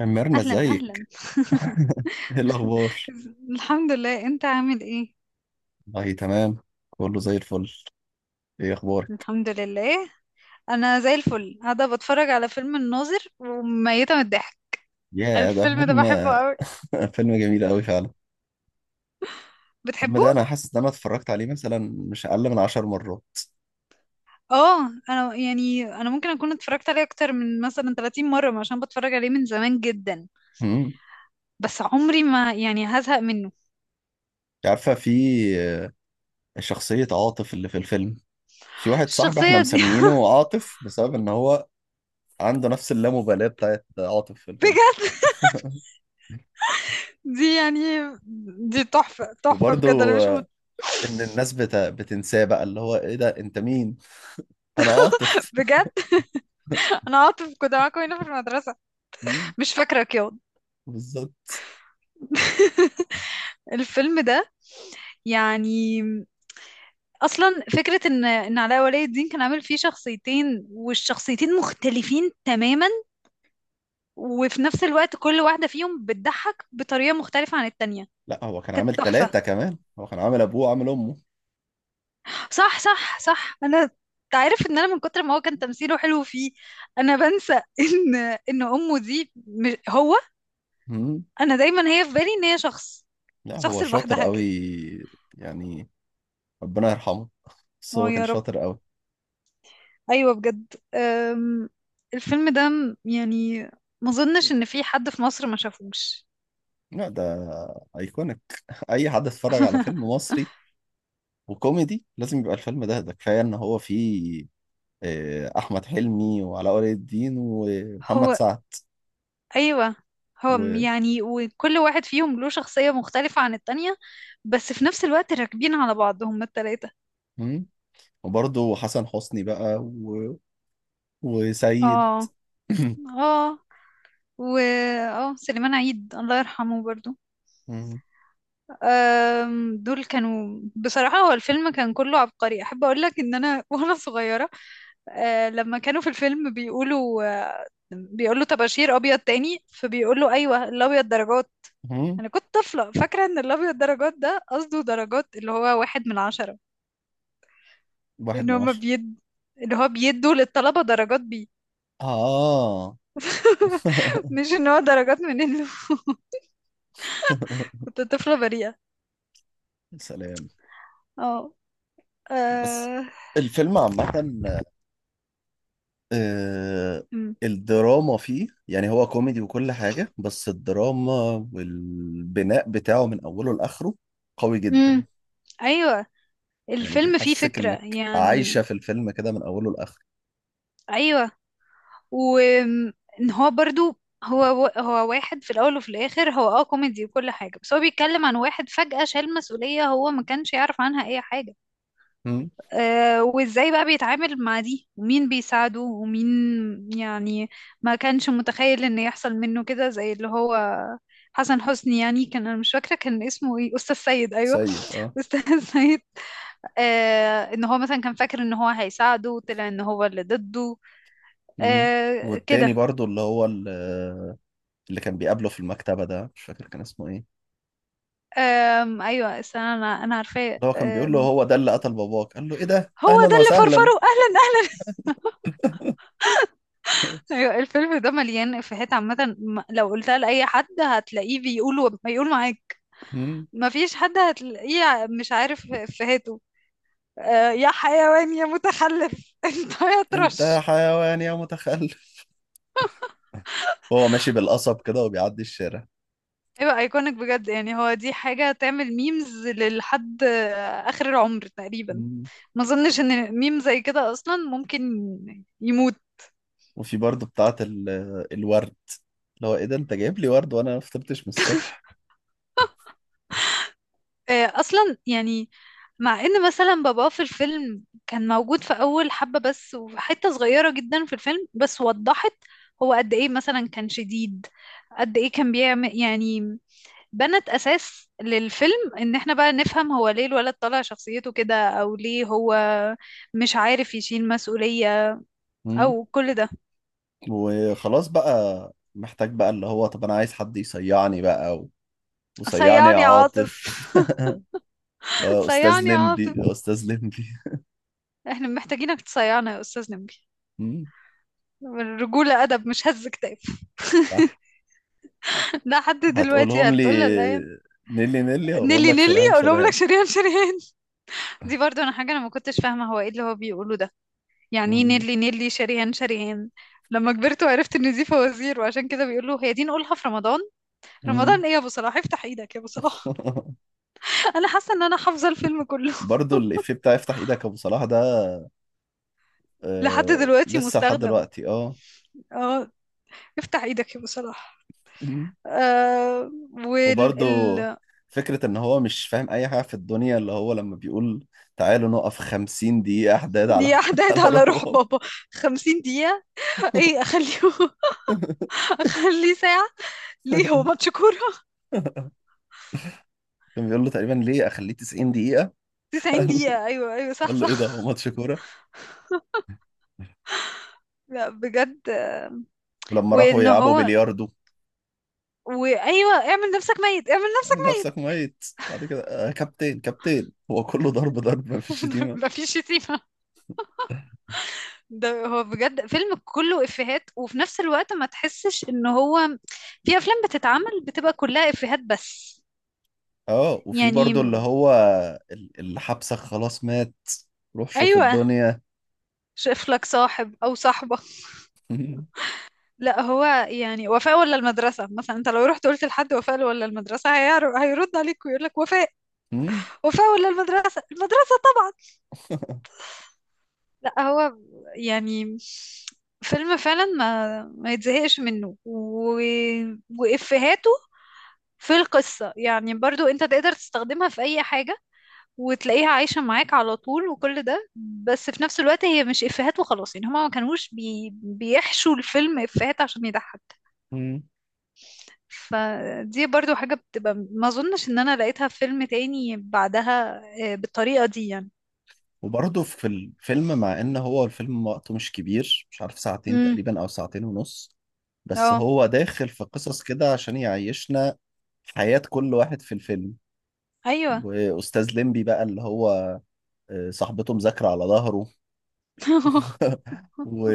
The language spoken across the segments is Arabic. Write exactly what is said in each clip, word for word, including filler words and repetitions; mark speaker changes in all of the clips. Speaker 1: ميرنا
Speaker 2: اهلا
Speaker 1: ازيك.
Speaker 2: اهلا.
Speaker 1: ايه الاخبار؟
Speaker 2: الحمد لله، انت عامل ايه؟
Speaker 1: والله تمام، كله زي الفل. ايه اخبارك؟
Speaker 2: الحمد لله، انا زي الفل، قاعده بتفرج على فيلم الناظر وميته من الضحك.
Speaker 1: يا ده
Speaker 2: الفيلم ده
Speaker 1: فيلم!
Speaker 2: بحبه قوي.
Speaker 1: فيلم جميل قوي فعلا. الفيلم
Speaker 2: بتحبه؟
Speaker 1: ده انا حاسس ان انا اتفرجت عليه مثلا مش اقل من عشر مرات.
Speaker 2: اه، انا يعني انا ممكن اكون اتفرجت عليه اكتر من مثلا تلاتين مره عشان بتفرج عليه من زمان جدا.
Speaker 1: امم
Speaker 2: بس عمري ما يعني هزهق منه.
Speaker 1: أنت عارفه في شخصيه عاطف اللي في الفيلم؟ في واحد صاحبي احنا
Speaker 2: الشخصيه دي
Speaker 1: مسمينه عاطف بسبب ان هو عنده نفس اللامبالاه بتاعت عاطف في الفيلم.
Speaker 2: بجد دي يعني دي تحفه تحفه
Speaker 1: وبرضه
Speaker 2: بجد. انا مش مت...
Speaker 1: آه، ان الناس بت... بتنساه بقى، اللي هو ايه ده انت مين؟ انا عاطف.
Speaker 2: بجد انا عاطف كنت معاكم هنا في المدرسه،
Speaker 1: مم،
Speaker 2: مش فاكرك ياض؟
Speaker 1: بالظبط.
Speaker 2: الفيلم ده يعني اصلا فكره ان ان علاء ولي الدين كان عامل فيه شخصيتين، والشخصيتين مختلفين تماما، وفي نفس الوقت كل واحده فيهم بتضحك بطريقه مختلفه عن التانية.
Speaker 1: لا هو كان
Speaker 2: كانت
Speaker 1: عامل
Speaker 2: تحفه.
Speaker 1: ثلاثة، كمان هو كان عامل أبوه وعامل أمه.
Speaker 2: صح صح صح. انا تعرف ان انا من كتر ما هو كان تمثيله حلو فيه انا بنسى ان ان امه دي مش- هو
Speaker 1: مم.
Speaker 2: انا دايما هي في بالي ان هي شخص،
Speaker 1: لا هو
Speaker 2: شخص
Speaker 1: شاطر
Speaker 2: لوحدها
Speaker 1: قوي،
Speaker 2: كده.
Speaker 1: يعني ربنا يرحمه، بس
Speaker 2: اه
Speaker 1: هو كان
Speaker 2: يا رب.
Speaker 1: شاطر قوي.
Speaker 2: ايوه بجد. أم، الفيلم ده م- يعني ما اظنش ان في حد في مصر ما شافوش.
Speaker 1: لا، ده أيكونيك. أي حد اتفرج على فيلم مصري وكوميدي لازم يبقى الفيلم ده ده كفاية إن هو فيه آه، أحمد حلمي وعلاء ولي الدين ومحمد
Speaker 2: هو
Speaker 1: سعد
Speaker 2: ايوه. هو م-
Speaker 1: و...
Speaker 2: يعني وكل واحد فيهم له شخصية مختلفة عن التانية، بس في نفس الوقت راكبين على بعض هما التلاتة.
Speaker 1: مم. وبرضه حسن حسني بقى و... وسيد.
Speaker 2: اه اه و اه سليمان عيد الله يرحمه برضو.
Speaker 1: مم.
Speaker 2: أم، دول كانوا بصراحة. هو الفيلم كان كله عبقري. احب اقول لك ان انا وانا صغيرة، آه، لما كانوا في الفيلم بيقولوا آه، بيقولوا طباشير ابيض تاني، فبيقولوا ايوه الابيض درجات.
Speaker 1: مم.
Speaker 2: انا كنت طفله فاكره ان الابيض درجات ده قصده درجات، اللي هو واحد من عشرة.
Speaker 1: واحد
Speaker 2: ان
Speaker 1: من
Speaker 2: هما
Speaker 1: عشرة.
Speaker 2: بيد ان هو بيدوا للطلبه درجات بيه.
Speaker 1: آه.
Speaker 2: مش ان هو درجات من انه. كنت طفله بريئه.
Speaker 1: سلام.
Speaker 2: اه.
Speaker 1: بس
Speaker 2: آه،
Speaker 1: الفيلم عامة، آه،
Speaker 2: أمم.
Speaker 1: الدراما فيه، يعني هو كوميدي وكل حاجة، بس الدراما والبناء بتاعه من أوله لآخره قوي جدا.
Speaker 2: أمم. ايوه
Speaker 1: يعني
Speaker 2: الفيلم فيه
Speaker 1: بيحسسك
Speaker 2: فكره
Speaker 1: إنك عايشة
Speaker 2: يعني.
Speaker 1: في الفيلم كده من أوله لآخره.
Speaker 2: ايوه. وان هو برضو، هو هو واحد في الاول وفي الاخر. هو اه كوميدي وكل حاجه، بس هو بيتكلم عن واحد فجأة شال مسؤوليه هو ما كانش يعرف عنها اي حاجه.
Speaker 1: مم.
Speaker 2: آه، وازاي بقى بيتعامل مع دي، ومين بيساعده ومين. يعني ما كانش متخيل ان يحصل منه كده. زي اللي هو حسن حسني، يعني كان، انا مش فاكره كان اسمه ايه، استاذ سيد. ايوه.
Speaker 1: سيد، اه.
Speaker 2: استاذ سيد. آه، ان هو مثلا كان فاكر ان هو هيساعده، وطلع ان هو اللي ضده.
Speaker 1: مم.
Speaker 2: آه
Speaker 1: والتاني
Speaker 2: كده.
Speaker 1: برضو اللي هو ال- اللي كان بيقابله في المكتبة ده، مش فاكر كان اسمه ايه.
Speaker 2: أم ايوه، استنى، انا انا عارفاه.
Speaker 1: اللي هو كان بيقول له
Speaker 2: أم،
Speaker 1: هو ده اللي قتل باباك، قال له ايه ده
Speaker 2: هو
Speaker 1: أهلا
Speaker 2: ده اللي فرفره
Speaker 1: وسهلا؟
Speaker 2: اهلا اهلا. ايوه الفيلم ده مليان افيهات عامه. م- لو قلتها لاي حد هتلاقيه بيقول بيقول معاك.
Speaker 1: مم.
Speaker 2: مفيش حد هتلاقيه مش عارف افيهاته. أه يا حيوان يا متخلف، انت يا
Speaker 1: انت
Speaker 2: طرش.
Speaker 1: حيوان يا متخلف، هو ماشي بالقصب كده وبيعدي الشارع.
Speaker 2: ايوه ايكونيك بجد. يعني هو دي حاجه تعمل ميمز للحد، آه، اخر العمر تقريبا.
Speaker 1: مم.
Speaker 2: ما اظنش ان ميم زي كده اصلا ممكن يموت.
Speaker 1: وفي برضه بتاعة ال- الورد، اللي هو ايه ده انت جايب لي ورد وانا ما فطرتش من الصبح؟
Speaker 2: آه، اصلا يعني مع ان مثلا باباه في الفيلم كان موجود في اول حبة بس، وحتة صغيرة جدا في الفيلم، بس وضحت هو قد ايه مثلا كان شديد، قد ايه كان بيعمل يعني بنت اساس للفيلم، ان احنا بقى نفهم هو ليه الولد طالع شخصيته كده، او ليه هو مش عارف يشيل مسؤولية
Speaker 1: مم.
Speaker 2: او كل ده.
Speaker 1: وخلاص بقى محتاج بقى اللي هو، طب انا عايز حد يصيعني بقى و... وصيعني يا
Speaker 2: صيعني يا عاطف.
Speaker 1: عاطف. استاذ
Speaker 2: صيعني يا عاطف.
Speaker 1: لمبي، استاذ لمبي.
Speaker 2: احنا محتاجينك تصيعنا يا استاذ نبي.
Speaker 1: مم.
Speaker 2: الرجولة ادب مش هز كتاب.
Speaker 1: صح.
Speaker 2: لحد دلوقتي
Speaker 1: هتقولهم لي؟
Speaker 2: هتقول لها الايه،
Speaker 1: نيلي نيلي، هقولهم
Speaker 2: نيلي
Speaker 1: لك
Speaker 2: نيلي،
Speaker 1: شرهان
Speaker 2: اقول لهم لك
Speaker 1: شرهان.
Speaker 2: شريهان شريهان. دي برضو انا حاجه انا ما كنتش فاهمه هو ايه اللي هو بيقوله ده. يعني ايه
Speaker 1: مم.
Speaker 2: نيلي نيلي شريهان شريهان؟ لما كبرت وعرفت ان دي فوازير، وعشان كده بيقول له هي دي نقولها في رمضان.
Speaker 1: مم.
Speaker 2: رمضان ايه يا ابو صلاح، افتح ايدك يا ابو صلاح. انا حاسه ان انا حافظه الفيلم كله.
Speaker 1: برضو الإفيه بتاع افتح ايدك يا ابو صلاح ده،
Speaker 2: لحد
Speaker 1: آه
Speaker 2: دلوقتي
Speaker 1: لسه لحد
Speaker 2: مستخدم.
Speaker 1: دلوقتي، اه.
Speaker 2: اه افتح ايدك يا ابو صلاح.
Speaker 1: مم.
Speaker 2: آه وال
Speaker 1: وبرضه
Speaker 2: ال...
Speaker 1: فكرة إن هو مش فاهم أي حاجة في الدنيا، اللي هو لما بيقول تعالوا نقف خمسين دقيقة حداد على
Speaker 2: دي احداد
Speaker 1: على
Speaker 2: على روح
Speaker 1: روبوت.
Speaker 2: بابا. خمسين دقيقة؟ ايه، اخليه، اخليه ساعة. ليه هو ماتش كورة؟
Speaker 1: كان بيقول له تقريبا ليه أخليه تسعين دقيقة؟
Speaker 2: تسعين
Speaker 1: قال له
Speaker 2: دقيقة. أيوة أيوة صح
Speaker 1: قال له إيه ده هو
Speaker 2: صح.
Speaker 1: ماتش كورة؟
Speaker 2: لا بجد.
Speaker 1: ولما راحوا
Speaker 2: وإن
Speaker 1: يلعبوا
Speaker 2: هو،
Speaker 1: بلياردو،
Speaker 2: وأيوة اعمل نفسك ميت، اعمل نفسك
Speaker 1: عامل نفسك ميت، بعد كده آه كابتن كابتن. هو كله ضرب ضرب، ما فيش
Speaker 2: ميت. ده
Speaker 1: شتيمة.
Speaker 2: مفيش شتيمة. ده هو بجد فيلم كله إفيهات، وفي نفس الوقت ما تحسش إن هو، في أفلام بتتعمل بتبقى كلها إفيهات بس
Speaker 1: اه، وفي
Speaker 2: يعني.
Speaker 1: برضه اللي هو ال- اللي حبسك خلاص مات، روح شوف
Speaker 2: أيوة
Speaker 1: الدنيا.
Speaker 2: شايف لك صاحب أو صاحبة. لا هو يعني وفاء ولا المدرسة، مثلا أنت لو رحت قلت لحد وفاء ولا المدرسة هيعرف هيرد عليك ويقول لك وفاء.
Speaker 1: مم.
Speaker 2: وفاء ولا المدرسة، المدرسة. لا هو ب- يعني فيلم فعلا ما ما يتزهقش منه و... وإفهاته في القصة يعني برضو انت تقدر تستخدمها في اي حاجة، وتلاقيها عايشة معاك على طول وكل ده. بس في نفس الوقت هي مش إفهات وخلاص، يعني هما ما كانوش بي... بيحشوا الفيلم إفهات عشان يضحك.
Speaker 1: مم.
Speaker 2: فدي برضو حاجة بتبقى ما اظنش ان انا لقيتها في فيلم تاني بعدها، آه، بالطريقة دي يعني.
Speaker 1: وبرضه في الفيلم، مع ان هو الفيلم وقته مش كبير، مش عارف ساعتين
Speaker 2: امم
Speaker 1: تقريبا او ساعتين ونص، بس
Speaker 2: اه
Speaker 1: هو داخل في قصص كده عشان يعيشنا حياة كل واحد في الفيلم.
Speaker 2: ايوه.
Speaker 1: واستاذ ليمبي بقى اللي هو آه، صاحبته مذاكرة على ظهره. و...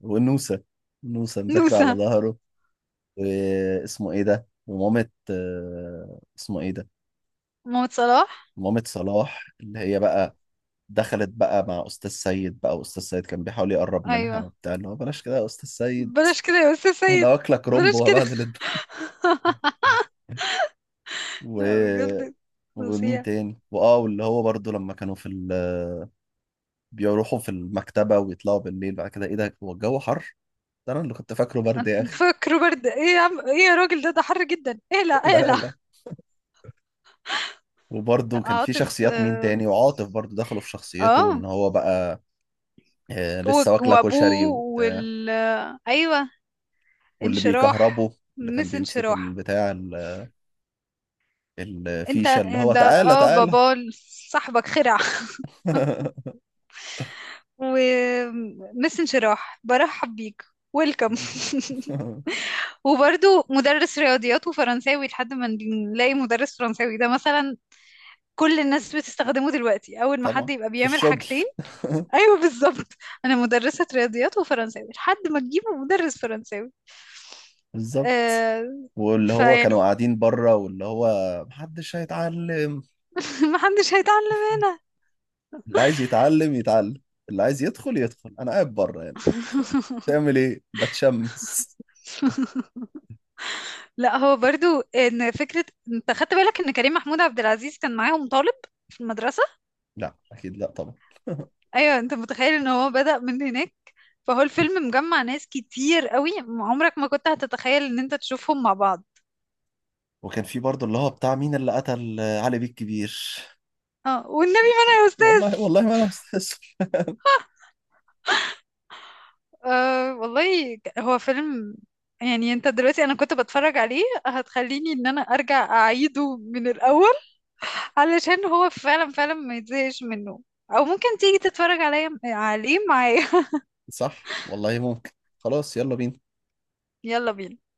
Speaker 1: ونوسة، نوسة مذاكرة على
Speaker 2: نوسة،
Speaker 1: ظهره. واسمه ايه ده، ومامة آه، اسمه ايه ده،
Speaker 2: محمد صلاح.
Speaker 1: مامة صلاح اللي هي بقى دخلت بقى مع أستاذ سيد، بقى وأستاذ سيد كان بيحاول يقرب منها
Speaker 2: ايوه
Speaker 1: وبتاع، اللي هو بلاش كده يا أستاذ سيد،
Speaker 2: بلاش كده يا استاذ
Speaker 1: أنا
Speaker 2: سيد،
Speaker 1: واكلك رومب
Speaker 2: بلاش كده.
Speaker 1: وهبهدل الدنيا و...
Speaker 2: لا بجد
Speaker 1: ومين
Speaker 2: فظيع.
Speaker 1: تاني، وآه واللي هو برضو لما كانوا في ال... بيروحوا في المكتبة ويطلعوا بالليل، بعد كده إيه ده هو الجو حر، ده أنا اللي كنت فاكره برد يا أخي.
Speaker 2: فاكره برد ايه يا عم، ايه يا راجل، ده ده حر جدا، اقلع
Speaker 1: لا
Speaker 2: اقلع.
Speaker 1: لا. وبرضه
Speaker 2: لا
Speaker 1: كان في
Speaker 2: عاطف
Speaker 1: شخصيات مين
Speaker 2: اه.
Speaker 1: تاني، وعاطف برضه دخلوا في شخصيته
Speaker 2: آه.
Speaker 1: ان هو بقى آه،
Speaker 2: و-
Speaker 1: لسه واكله كشري
Speaker 2: وابوه
Speaker 1: وبتاع.
Speaker 2: وال ايوه
Speaker 1: واللي
Speaker 2: انشراح،
Speaker 1: بيكهربه، اللي كان
Speaker 2: مس
Speaker 1: بيمسك
Speaker 2: انشراح.
Speaker 1: البتاع ال-
Speaker 2: انت
Speaker 1: الفيشه، اللي هو
Speaker 2: ده
Speaker 1: تعالى
Speaker 2: اه
Speaker 1: تعالى.
Speaker 2: بابا صاحبك خرع. ومس انشراح برحب بيك، ويلكم. وبرضو مدرس رياضيات وفرنساوي لحد ما نلاقي مدرس فرنساوي، ده مثلا كل الناس بتستخدمه دلوقتي، اول ما حد
Speaker 1: طبعا
Speaker 2: يبقى
Speaker 1: في
Speaker 2: بيعمل
Speaker 1: الشغل.
Speaker 2: حاجتين. ايوه بالظبط. انا مدرسة رياضيات وفرنساوي لحد ما تجيبوا مدرس فرنساوي.
Speaker 1: بالظبط.
Speaker 2: آه.
Speaker 1: واللي هو كانوا
Speaker 2: فيعني
Speaker 1: قاعدين بره، واللي هو محدش هيتعلم،
Speaker 2: ما حدش هيتعلم هنا.
Speaker 1: اللي عايز يتعلم يتعلم، اللي عايز يدخل يدخل، انا قاعد بره يعني تعمل ايه، بتشمس.
Speaker 2: لا هو برضو ان فكرة، انت خدت بالك ان كريم محمود عبد العزيز كان معاهم طالب في المدرسة؟
Speaker 1: لا اكيد، لا طبعا.
Speaker 2: ايوه انت متخيل ان هو بدأ من هناك. فهو الفيلم مجمع ناس كتير قوي، عمرك ما كنت هتتخيل ان انت تشوفهم مع بعض.
Speaker 1: وكان في برضه اللي هو بتاع مين اللي قتل علي بيه الكبير.
Speaker 2: اه والنبي ما انا يا استاذ.
Speaker 1: والله والله ما انا مستسلم.
Speaker 2: أه والله ك- هو فيلم يعني. انت دلوقتي انا كنت بتفرج عليه هتخليني ان انا ارجع اعيده من الاول، علشان هو فعلا فعلا ما يتزهقش منه. او ممكن تيجي تتفرج عليا عليه معايا.
Speaker 1: صح والله، ممكن. خلاص يلا بينا.
Speaker 2: يلا بينا.